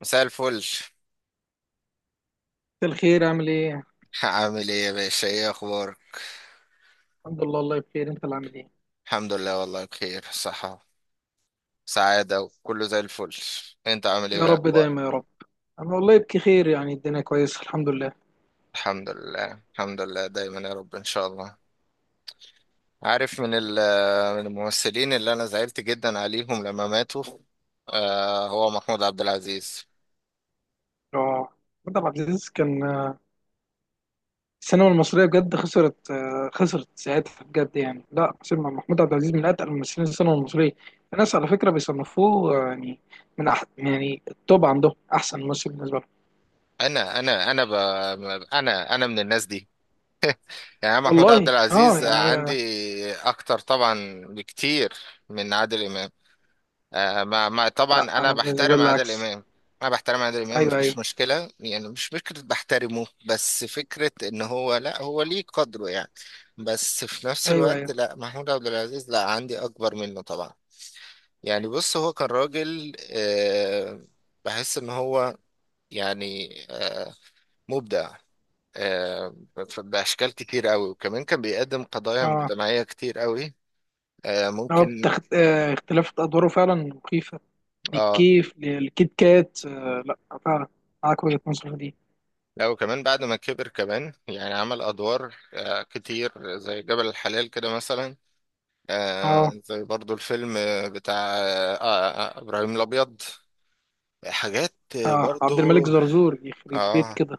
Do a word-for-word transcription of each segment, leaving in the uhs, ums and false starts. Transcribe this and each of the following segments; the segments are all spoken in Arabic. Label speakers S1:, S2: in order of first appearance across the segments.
S1: مساء الفل.
S2: مساء الخير، عامل ايه؟
S1: عامل ايه يا باشا؟ ايه اخبارك؟
S2: الحمد لله، والله بخير. انت اللي عامل ايه؟
S1: الحمد لله والله بخير، صحة، سعادة، وكله زي الفل. انت عامل ايه
S2: يا
S1: وايه
S2: رب
S1: اخبارك؟
S2: دايما يا رب. انا والله بخير، يعني الدنيا كويسه، الحمد لله.
S1: الحمد لله الحمد لله، دايما يا رب ان شاء الله. عارف من ال- من الممثلين اللي انا زعلت جدا عليهم لما ماتوا؟ آه هو محمود عبد العزيز.
S2: اه، محمد عبد العزيز كان آه، السينما المصريه بجد خسرت، آه، خسرت ساعتها بجد، يعني لا، سينما محمود عبد العزيز من اتقل ممثلين السينما المصريه. الناس على فكره بيصنفوه آه، يعني من أح يعني التوب، عندهم احسن ممثل بالنسبه لهم.
S1: انا انا انا ب... انا انا من الناس دي، يعني أنا محمود عبد
S2: والله اه،
S1: العزيز
S2: يعني
S1: عندي
S2: أنا-
S1: اكتر طبعا بكتير من عادل امام. آه ما ما
S2: لا،
S1: طبعا انا
S2: انا بالنسبه
S1: بحترم
S2: لي
S1: عادل
S2: العكس.
S1: امام. انا بحترم عادل امام،
S2: ايوه، ايوه،
S1: مفيش مشكله، يعني مش فكره بحترمه، بس فكره ان هو لا، هو ليه قدره يعني. بس في نفس
S2: ايوه،
S1: الوقت
S2: ايوه.
S1: لا، محمود عبد العزيز لا، عندي اكبر منه طبعا. يعني بص، هو كان راجل آه بحس ان هو يعني آه مبدع آه ف- باشكال كتير قوي، وكمان كان بيقدم قضايا
S2: اه،
S1: مجتمعيه كتير قوي. آه
S2: هو
S1: ممكن.
S2: بتخت... آه، اختلاف ادواره فعلا مخيفه.
S1: اه.
S2: الكيف الكيت كات، آه، لا، فعلا، معاك وجهة نظر في دي.
S1: لا وكمان بعد ما كبر كمان، يعني عمل أدوار آه، كتير، زي جبل الحلال كده مثلا. آه،
S2: اه،
S1: زي برضو الفيلم آه، بتاع آه، آه، إبراهيم الأبيض. حاجات آه،
S2: اه، عبد الملك
S1: برضو.
S2: زرزور، يخرب بيت
S1: آه
S2: كده.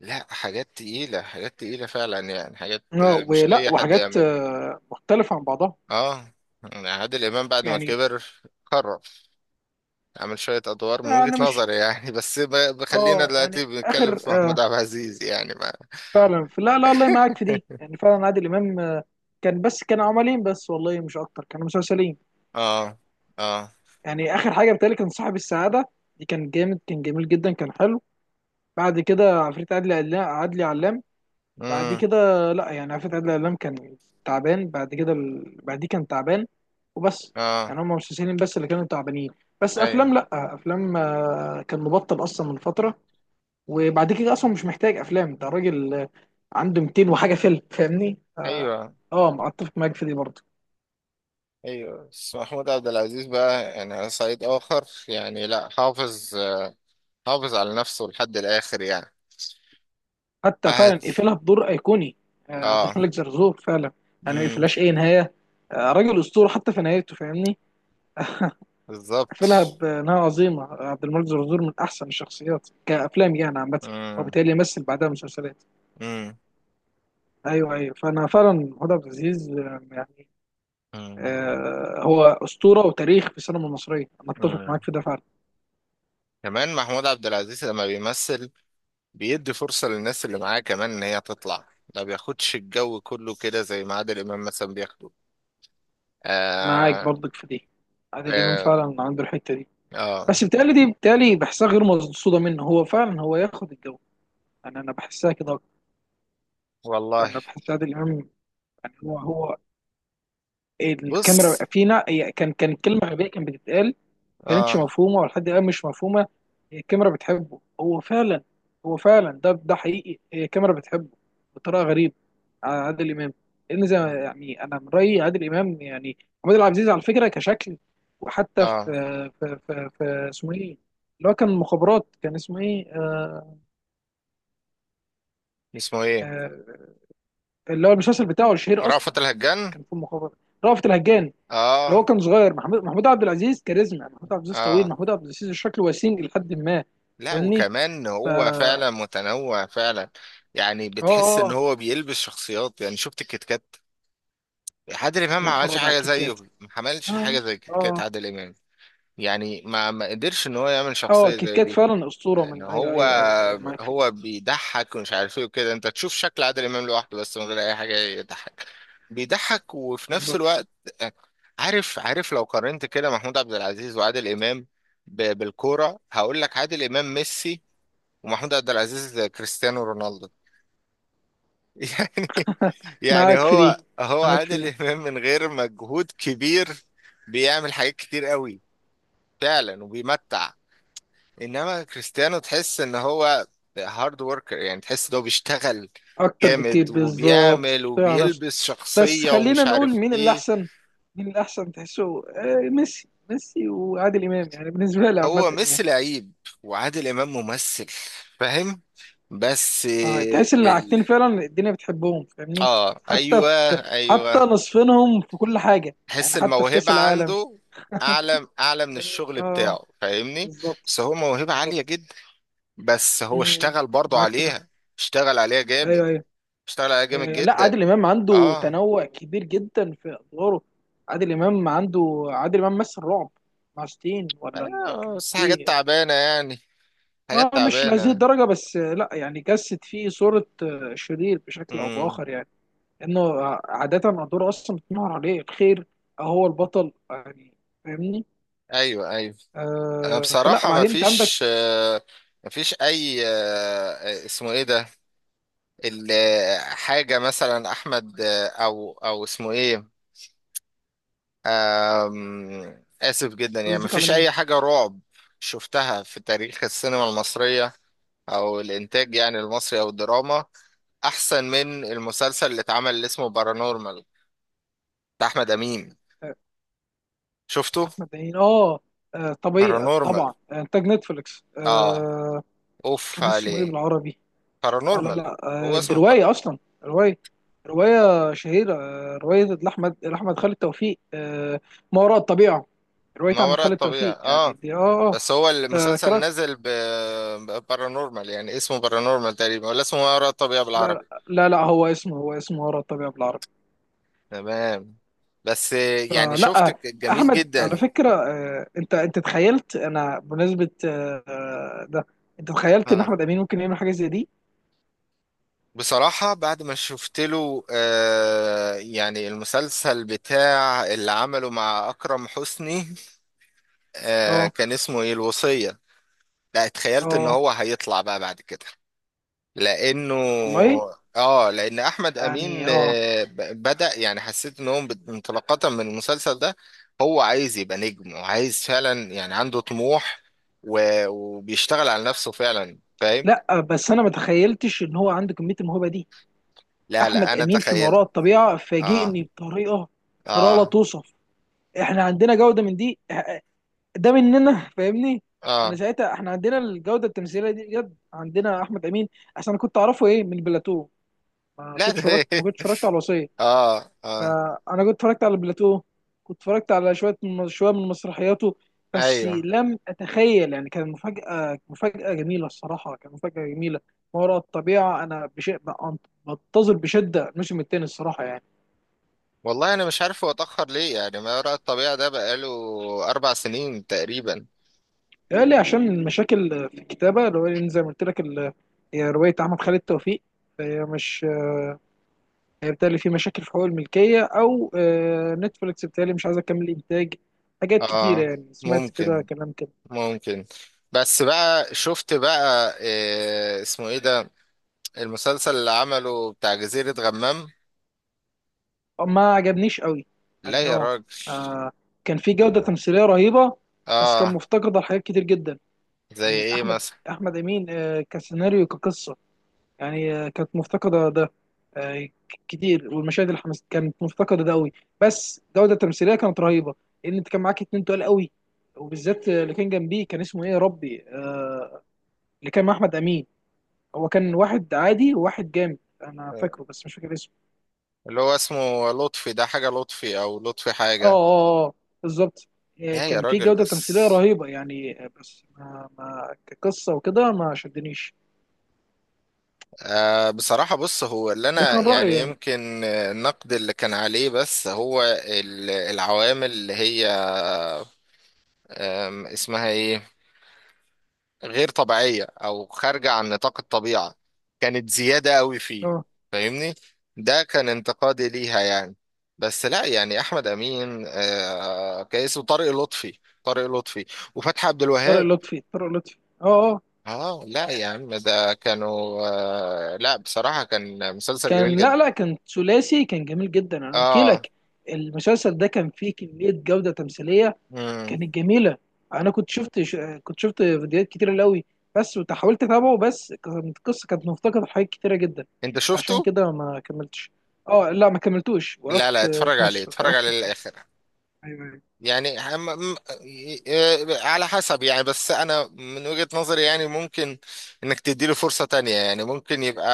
S1: لا، حاجات تقيلة، حاجات تقيلة فعلا، يعني حاجات
S2: اه،
S1: آه، مش
S2: ولا
S1: أي حد
S2: وحاجات
S1: يعملها.
S2: آه مختلفة عن بعضها.
S1: آه يعني عادل إمام بعد ما
S2: يعني
S1: كبر، قرر عمل شوية أدوار من وجهة
S2: انا مش
S1: نظري يعني. بس ب- بخلينا
S2: اه
S1: دلوقتي
S2: يعني
S1: بنتكلم
S2: اخر
S1: في محمود
S2: آه
S1: عبد العزيز يعني ما.
S2: فعلا، في لا لا، الله معاك في دي، يعني فعلا عادل امام آه كان بس كان عملين بس والله، مش اكتر، كانوا مسلسلين.
S1: آه،
S2: يعني اخر حاجة بتهيألي كان صاحب السعادة. دي كان جامد، كان جميل جدا، كان حلو. بعد كده عفريت عدلي علا- عدلي علام. بعد
S1: آه،
S2: كده، لا يعني، عفت عادل إمام كان تعبان. بعد كده ال... بعد، كان تعبان وبس.
S1: اه،
S2: يعني هم مسلسلين بس اللي كانوا تعبانين. بس
S1: ايوه،
S2: افلام، لا، افلام آه، كان مبطل اصلا من فتره. وبعد كده اصلا مش محتاج افلام، ده راجل آه، عنده مئتين وحاجه فيلم، فاهمني؟ اه،
S1: ايوه،
S2: آه، ما اتفق معاك في دي برضه.
S1: ايوه. بس محمود عبد العزيز بقى، يعني على صعيد اخر، يعني لا، حافظ حافظ على نفسه لحد الاخر يعني.
S2: حتى فعلا
S1: عادي.
S2: قفلها بدور ايقوني، آه، عبد
S1: اه.
S2: الملك زرزور فعلا. يعني ما
S1: امم.
S2: قفلهاش اي نهايه، آه، راجل اسطوره حتى في نهايته، فاهمني؟
S1: بالظبط.
S2: قفلها بانها عظيمه. عبد الملك زرزور من احسن الشخصيات كافلام يعني عامه،
S1: امم.
S2: وبالتالي يمثل بعدها مسلسلات.
S1: امم.
S2: ايوه، ايوه، فانا فعلا محمود عبد العزيز آه، يعني
S1: امم.
S2: آه، هو اسطوره وتاريخ في السينما المصريه، انا اتفق
S1: أمم.
S2: معاك في ده فعلا.
S1: كمان محمود عبد العزيز لما بيمثل، بيدي فرصة للناس اللي معاه كمان ان هي تطلع. ما بياخدش الجو كله كده زي ما عادل امام مثلا بياخده.
S2: معاك
S1: آه،
S2: برضك في دي. عادل امام
S1: آه،
S2: فعلا عنده الحته دي،
S1: اه،
S2: بس بتهيألي دي بتهيألي بحسها غير مقصوده منه. هو فعلا هو ياخد الجو، انا انا بحسها كده أكتر.
S1: والله.
S2: انا بحس عادل امام، يعني هو هو
S1: بص،
S2: الكاميرا فينا، هي كان كان كلمه غبيه كانت بتتقال، كانتش
S1: اه،
S2: مفهومه، ولحد الان مش مفهومه. هي الكاميرا بتحبه هو فعلا، هو فعلا ده، ده حقيقي هي الكاميرا بتحبه بطريقه غريبه على عادل امام. لان زي ما- يعني انا من رايي، عادل امام يعني محمود عبد العزيز على فكره كشكل. وحتى في
S1: اه.
S2: في في, في اسمه ايه، اللي هو كان مخابرات، كان اسمه ايه آه
S1: اسمه ايه؟
S2: آه اللي هو المسلسل بتاعه الشهير اصلا.
S1: رأفت الهجان.
S2: كان في مخابرات، رأفت الهجان، اللي هو
S1: اه،
S2: كان صغير. محمود، محمود عبد العزيز كاريزما، محمود عبد العزيز طويل،
S1: اه.
S2: محمود عبد العزيز شكله وسيم لحد ما،
S1: لا
S2: فاهمني؟
S1: وكمان هو فعلا متنوع فعلا، يعني
S2: اه،
S1: بتحس ان
S2: اه،
S1: هو بيلبس شخصيات. يعني شفت الكيت كات؟ عادل امام ما
S2: يا
S1: عملش
S2: خرابي على
S1: حاجه
S2: الكيت
S1: زيه،
S2: كات،
S1: ما عملش حاجه
S2: اه،
S1: زي الكيت كات
S2: اه،
S1: عادل امام، يعني ما ما قدرش ان هو يعمل
S2: اه،
S1: شخصيه
S2: الكيت
S1: زي
S2: كات
S1: دي.
S2: فعلا اسطوره.
S1: ان
S2: من ايوه،
S1: هو
S2: ايوه، ايوه، ايوه، معاك في دي،
S1: هو بيضحك ومش عارف ايه وكده. انت تشوف شكل عادل امام لوحده بس من غير اي حاجه يضحك، بيضحك وفي نفس
S2: بالظبط،
S1: الوقت عارف. عارف لو قارنت كده محمود عبد العزيز وعادل امام ب- بالكوره، هقول لك عادل امام ميسي ومحمود عبد العزيز كريستيانو رونالدو. يعني، يعني
S2: معاك في دي،
S1: هو هو
S2: معاك في
S1: عادل
S2: دي،
S1: امام من غير مجهود كبير بيعمل حاجات كتير قوي فعلا وبيمتع، انما كريستيانو تحس ان هو هارد وركر، يعني تحس ان هو بيشتغل
S2: اكتر بكتير
S1: جامد
S2: بالظبط،
S1: وبيعمل
S2: اشتغل على نفسك.
S1: وبيلبس
S2: بس
S1: شخصية
S2: خلينا
S1: ومش
S2: نقول
S1: عارف
S2: مين اللي
S1: ايه.
S2: احسن، مين اللي احسن تحسه. آه، ميسي، ميسي وعادل امام، يعني بالنسبه لي عامه
S1: هو
S2: يعني
S1: ميسي لعيب وعادل امام ممثل، فاهم؟ بس
S2: آه، تحس ان الحاجتين
S1: ال...
S2: فعلا الدنيا بتحبهم، فاهمني؟
S1: اه،
S2: حتى
S1: ايوه،
S2: في، حتى
S1: ايوه.
S2: نصفينهم في كل حاجه،
S1: تحس
S2: يعني حتى في كاس
S1: الموهبة
S2: العالم،
S1: عنده اعلى، اعلى من
S2: فاهمني؟
S1: الشغل
S2: اه،
S1: بتاعه، فاهمني؟
S2: بالظبط،
S1: بس هو موهبة عالية
S2: بالظبط.
S1: جدا، بس هو
S2: مم،
S1: اشتغل برضه
S2: معاك في ده.
S1: عليها. اشتغل عليها جامد.
S2: ايوه، ايوه،
S1: اشتغل عليها جامد
S2: أيوة. لا،
S1: جدا.
S2: عادل امام عنده
S1: اه.
S2: تنوع كبير جدا في ادواره. عادل امام عنده، عادل امام مثل رعب مع شتين، ولا ال-
S1: آه،
S2: كانت
S1: بس حاجات
S2: ايه؟
S1: تعبانة يعني، حاجات
S2: اه، مش لهذه
S1: تعبانة.
S2: الدرجه بس آه، لا يعني، جسد فيه صوره آه، شرير بشكل او
S1: امم.
S2: باخر يعني، انه آه، عاده ادواره اصلا بتنور عليه الخير، أو هو البطل يعني، فاهمني؟
S1: ايوه، ايوه. انا
S2: آه فلا
S1: بصراحة ما
S2: بعدين انت عندك،
S1: فيش آه، ما فيش اي آه، اسمه ايه ده، ال- آه، حاجة مثلا احمد، آه، او او اسمه ايه، آم، اسف جدا، يعني ما
S2: قصدك على
S1: فيش
S2: مين؟
S1: اي حاجة رعب شفتها في تاريخ السينما المصرية او الانتاج يعني المصري او الدراما احسن من المسلسل اللي اتعمل اللي اسمه بارانورمال، بتاع احمد امين.
S2: آه،
S1: شفته؟
S2: احمد عين، اه، آه، طبيعي
S1: بارانورمال.
S2: طبعا، آه، انتاج نتفليكس
S1: اه.
S2: آه.
S1: اوف
S2: كان اسمه ايه
S1: عليه.
S2: بالعربي؟ اه، لا
S1: بارانورمال.
S2: لا،
S1: هو
S2: آه، دي
S1: اسمه بر...
S2: رواية أصلا، رواية، رواية شهيرة، آه، رواية لأحمد لأحمد خالد توفيق، آه، ما وراء الطبيعة. رواية
S1: ما
S2: أحمد
S1: وراء
S2: خالد
S1: الطبيعة.
S2: توفيق يعني
S1: اه.
S2: دي آه،
S1: بس هو
S2: آه، آه،
S1: المسلسل
S2: قرأت.
S1: نزل ب... بارانورمال، يعني اسمه بارانورمال تقريبا ولا اسمه ما وراء الطبيعة
S2: لا
S1: بالعربي؟
S2: لا لا، هو اسمه هو اسمه ما وراء الطبيعة بالعربي.
S1: تمام. بس آه، يعني
S2: فلا
S1: شفت
S2: آه،
S1: ك- جميل
S2: أحمد على
S1: جدا.
S2: فكرة، آه، أنت أنت تخيلت؟ أنا بمناسبة آه، آه، ده، أنت تخيلت إن
S1: اه.
S2: أحمد أمين ممكن يعمل حاجة زي دي؟
S1: بصراحة بعد ما شفت له آه يعني المسلسل بتاع اللي عمله مع أكرم حسني، آه
S2: آه
S1: كان اسمه ايه، الوصية. لا، اتخيلت ان
S2: آه
S1: هو هيطلع بقى بعد كده، لانه،
S2: والله،
S1: اه، لان احمد امين
S2: يعني آه،
S1: آه، ب- بدا، يعني حسيت ان هو بت- انطلاقه من المسلسل ده. هو عايز يبقى نجم، وعايز فعلا يعني عنده طموح، و- وبيشتغل على نفسه فعلا، فاهم؟
S2: لا بس أنا ما تخيلتش إن هو عنده كمية الموهبة دي.
S1: لا، لا،
S2: احمد
S1: انا
S2: امين في ما وراء
S1: تخيلت.
S2: الطبيعه
S1: اه،
S2: فاجئني بطريقه، طريقه لا
S1: اه،
S2: توصف. احنا عندنا جوده من دي إح- ده مننا، فاهمني؟ انا
S1: اه.
S2: ساعتها، احنا عندنا الجوده التمثيليه دي بجد، عندنا احمد امين. عشان انا كنت اعرفه ايه من بلاتو، ما
S1: لا، ده.
S2: كنتش اتفرجت ما كنتش اتفرجت على الوصيه.
S1: اه، اه،
S2: فانا كنت اتفرجت على بلاتو، كنت اتفرجت على شويه من، شويه من مسرحياته. بس
S1: ايوه.
S2: لم اتخيل يعني، كان مفاجاه مفاجاه جميله، الصراحه كان مفاجاه جميله. ما وراء الطبيعه انا بشيء، بنتظر بشده الموسم الثاني الصراحه يعني.
S1: والله انا مش عارف هو اتاخر ليه؟ يعني ما وراء الطبيعه ده بقاله اربع سنين تقريبا.
S2: قال لي عشان المشاكل في الكتابة، اللي هو لأن زي ما قلت لك ال- هي رواية أحمد خالد توفيق، فهي مش، هي بتهيألي في مشاكل في حقوق الملكية، أو آه، نتفليكس بتهيألي مش عايزة تكمل إنتاج، حاجات كتيرة
S1: اه.
S2: يعني، سمعت كده
S1: ممكن.
S2: كلام كده.
S1: ممكن. بس بقى شفت بقى إيه اسمه ايه ده، المسلسل اللي عمله، بتاع جزيرة غمام؟
S2: ما عجبنيش قوي.
S1: لا
S2: يعني
S1: يا
S2: اه،
S1: راجل.
S2: آه، كان في جودة تمثيلية رهيبة، بس كان
S1: اه.
S2: مفتقدة لحاجات كتير جدا.
S1: زي
S2: يعني
S1: ايه
S2: أحمد،
S1: مثلا؟
S2: أحمد أمين آه، كسيناريو، كقصة، يعني آه، كانت مفتقدة ده آه، ك- كتير، والمشاهد اللي حمس كانت مفتقدة ده قوي. بس الجودة التمثيلية كانت رهيبة، لأن أنت كان معاك اتنين تقال قوي، وبالذات آه، اللي كان جنبيه، كان اسمه إيه يا ربي، آه، اللي كان مع أحمد أمين، هو كان واحد عادي وواحد جامد. أنا فاكره بس مش فاكر اسمه.
S1: اللي هو اسمه لطفي ده، حاجة لطفي او لطفي
S2: آه
S1: حاجة.
S2: آه آه آه، بالظبط، آه،
S1: لا يا
S2: كان في
S1: راجل،
S2: جودة
S1: بس
S2: تمثيلية رهيبة يعني آه، بس ما ما كقصة وكده ما شدنيش،
S1: آه بصراحة بص، هو اللي
S2: ده كان
S1: انا
S2: رأيي
S1: يعني
S2: يعني.
S1: يمكن آه، النقد اللي كان عليه، بس هو ال- العوامل اللي هي، آم، اسمها ايه، غير طبيعية أو خارجة عن نطاق الطبيعة، كانت زيادة أوي فيه،
S2: آه،
S1: فاهمني؟ ده كان انتقادي ليها يعني. بس لا يعني أحمد أمين آه كيس، وطارق لطفي، طارق لطفي، وفتحي عبد
S2: طارق
S1: الوهاب.
S2: لطفي طارق لطفي آه آه،
S1: اه لا يا عم، ده كانوا آه لا، بصراحة كان مسلسل جميل
S2: كان
S1: جدا.
S2: لا لا، كان ثلاثي، كان جميل جدا، انا قلت
S1: اه.
S2: لك. المسلسل ده كان فيه كميه جوده تمثيليه
S1: مم.
S2: كانت جميله. انا كنت شفت ش- كنت شفت فيديوهات كتير قوي بس، وحاولت اتابعه بس كانت القصه كانت مفتقده لحاجات كتيره جدا،
S1: انت
S2: عشان
S1: شفته؟
S2: كده ما كملتش. اه، لا ما كملتوش،
S1: لا، لا،
S2: وقفت في
S1: اتفرج عليه،
S2: نص،
S1: اتفرج عليه
S2: وقفت في فتره.
S1: للآخر.
S2: ايوه، ايوه،
S1: يعني هم- م- ي- ي- على حسب يعني، بس انا من وجهة نظري يعني ممكن انك تديله فرصة تانية، يعني ممكن يبقى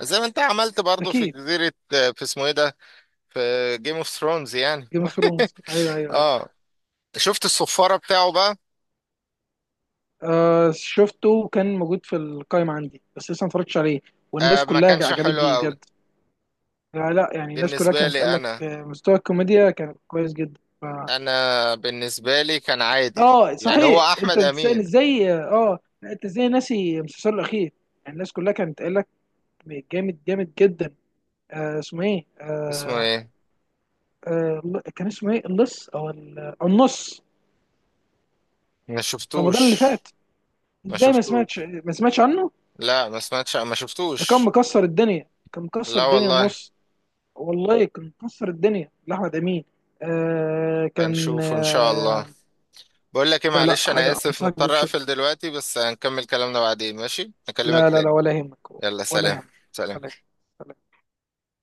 S1: زي ما انت عملت برضو في
S2: اكيد.
S1: جزيرة، في اسمه ايه ده، في جيم اوف ثرونز يعني.
S2: جيم اوف ثرونز، ايوه، ايوه، ايوه.
S1: اه. شفت الصفارة بتاعه بقى؟
S2: آه شفته، وكان موجود في القائمه عندي، بس لسه ما اتفرجتش عليه،
S1: آه
S2: والناس
S1: ما
S2: كلها
S1: كانش
S2: عجبت
S1: حلو
S2: بيه
S1: قوي.
S2: بجد. لا لا، يعني الناس كلها
S1: بالنسبة
S2: كانت قال
S1: لي
S2: لك
S1: انا،
S2: آه، مستوى الكوميديا كان كويس جدا ف...
S1: انا بالنسبة لي كان عادي.
S2: اه
S1: يعني هو
S2: صحيح، انت
S1: احمد
S2: بتسأل
S1: امين،
S2: ازاي؟ اه، آه، لا، انت ازاي ناسي المسلسل الاخير؟ يعني الناس كلها كانت قال لك جامد، جامد جدا. آه اسمه ايه
S1: اسمه
S2: آه
S1: ايه؟
S2: آه ل- كان اسمه ايه؟ اللص، او ال- أو النص،
S1: ما
S2: رمضان اللي
S1: شفتوش.
S2: فات.
S1: ما
S2: ازاي؟ ما
S1: شفتوش.
S2: سمعتش ما سمعتش عنه؟
S1: لا، ما سمعتش، ما
S2: ده كان
S1: شفتوش.
S2: مكسر الدنيا، كان مكسر
S1: لا
S2: الدنيا،
S1: والله.
S2: النص، والله كان مكسر الدنيا لاحمد امين. آه كان
S1: هنشوف ان شاء الله.
S2: آه
S1: بقول لك ايه،
S2: لا، لا
S1: معلش انا
S2: حاجه
S1: اسف،
S2: انصحك بيه.
S1: مضطر اقفل دلوقتي بس هنكمل كلامنا بعدين، ماشي؟ اكلمك
S2: لا لا لا،
S1: تاني.
S2: ولا يهمك،
S1: يلا،
S2: ولا
S1: سلام.
S2: يهمك، ولا
S1: سلام.
S2: يهمك.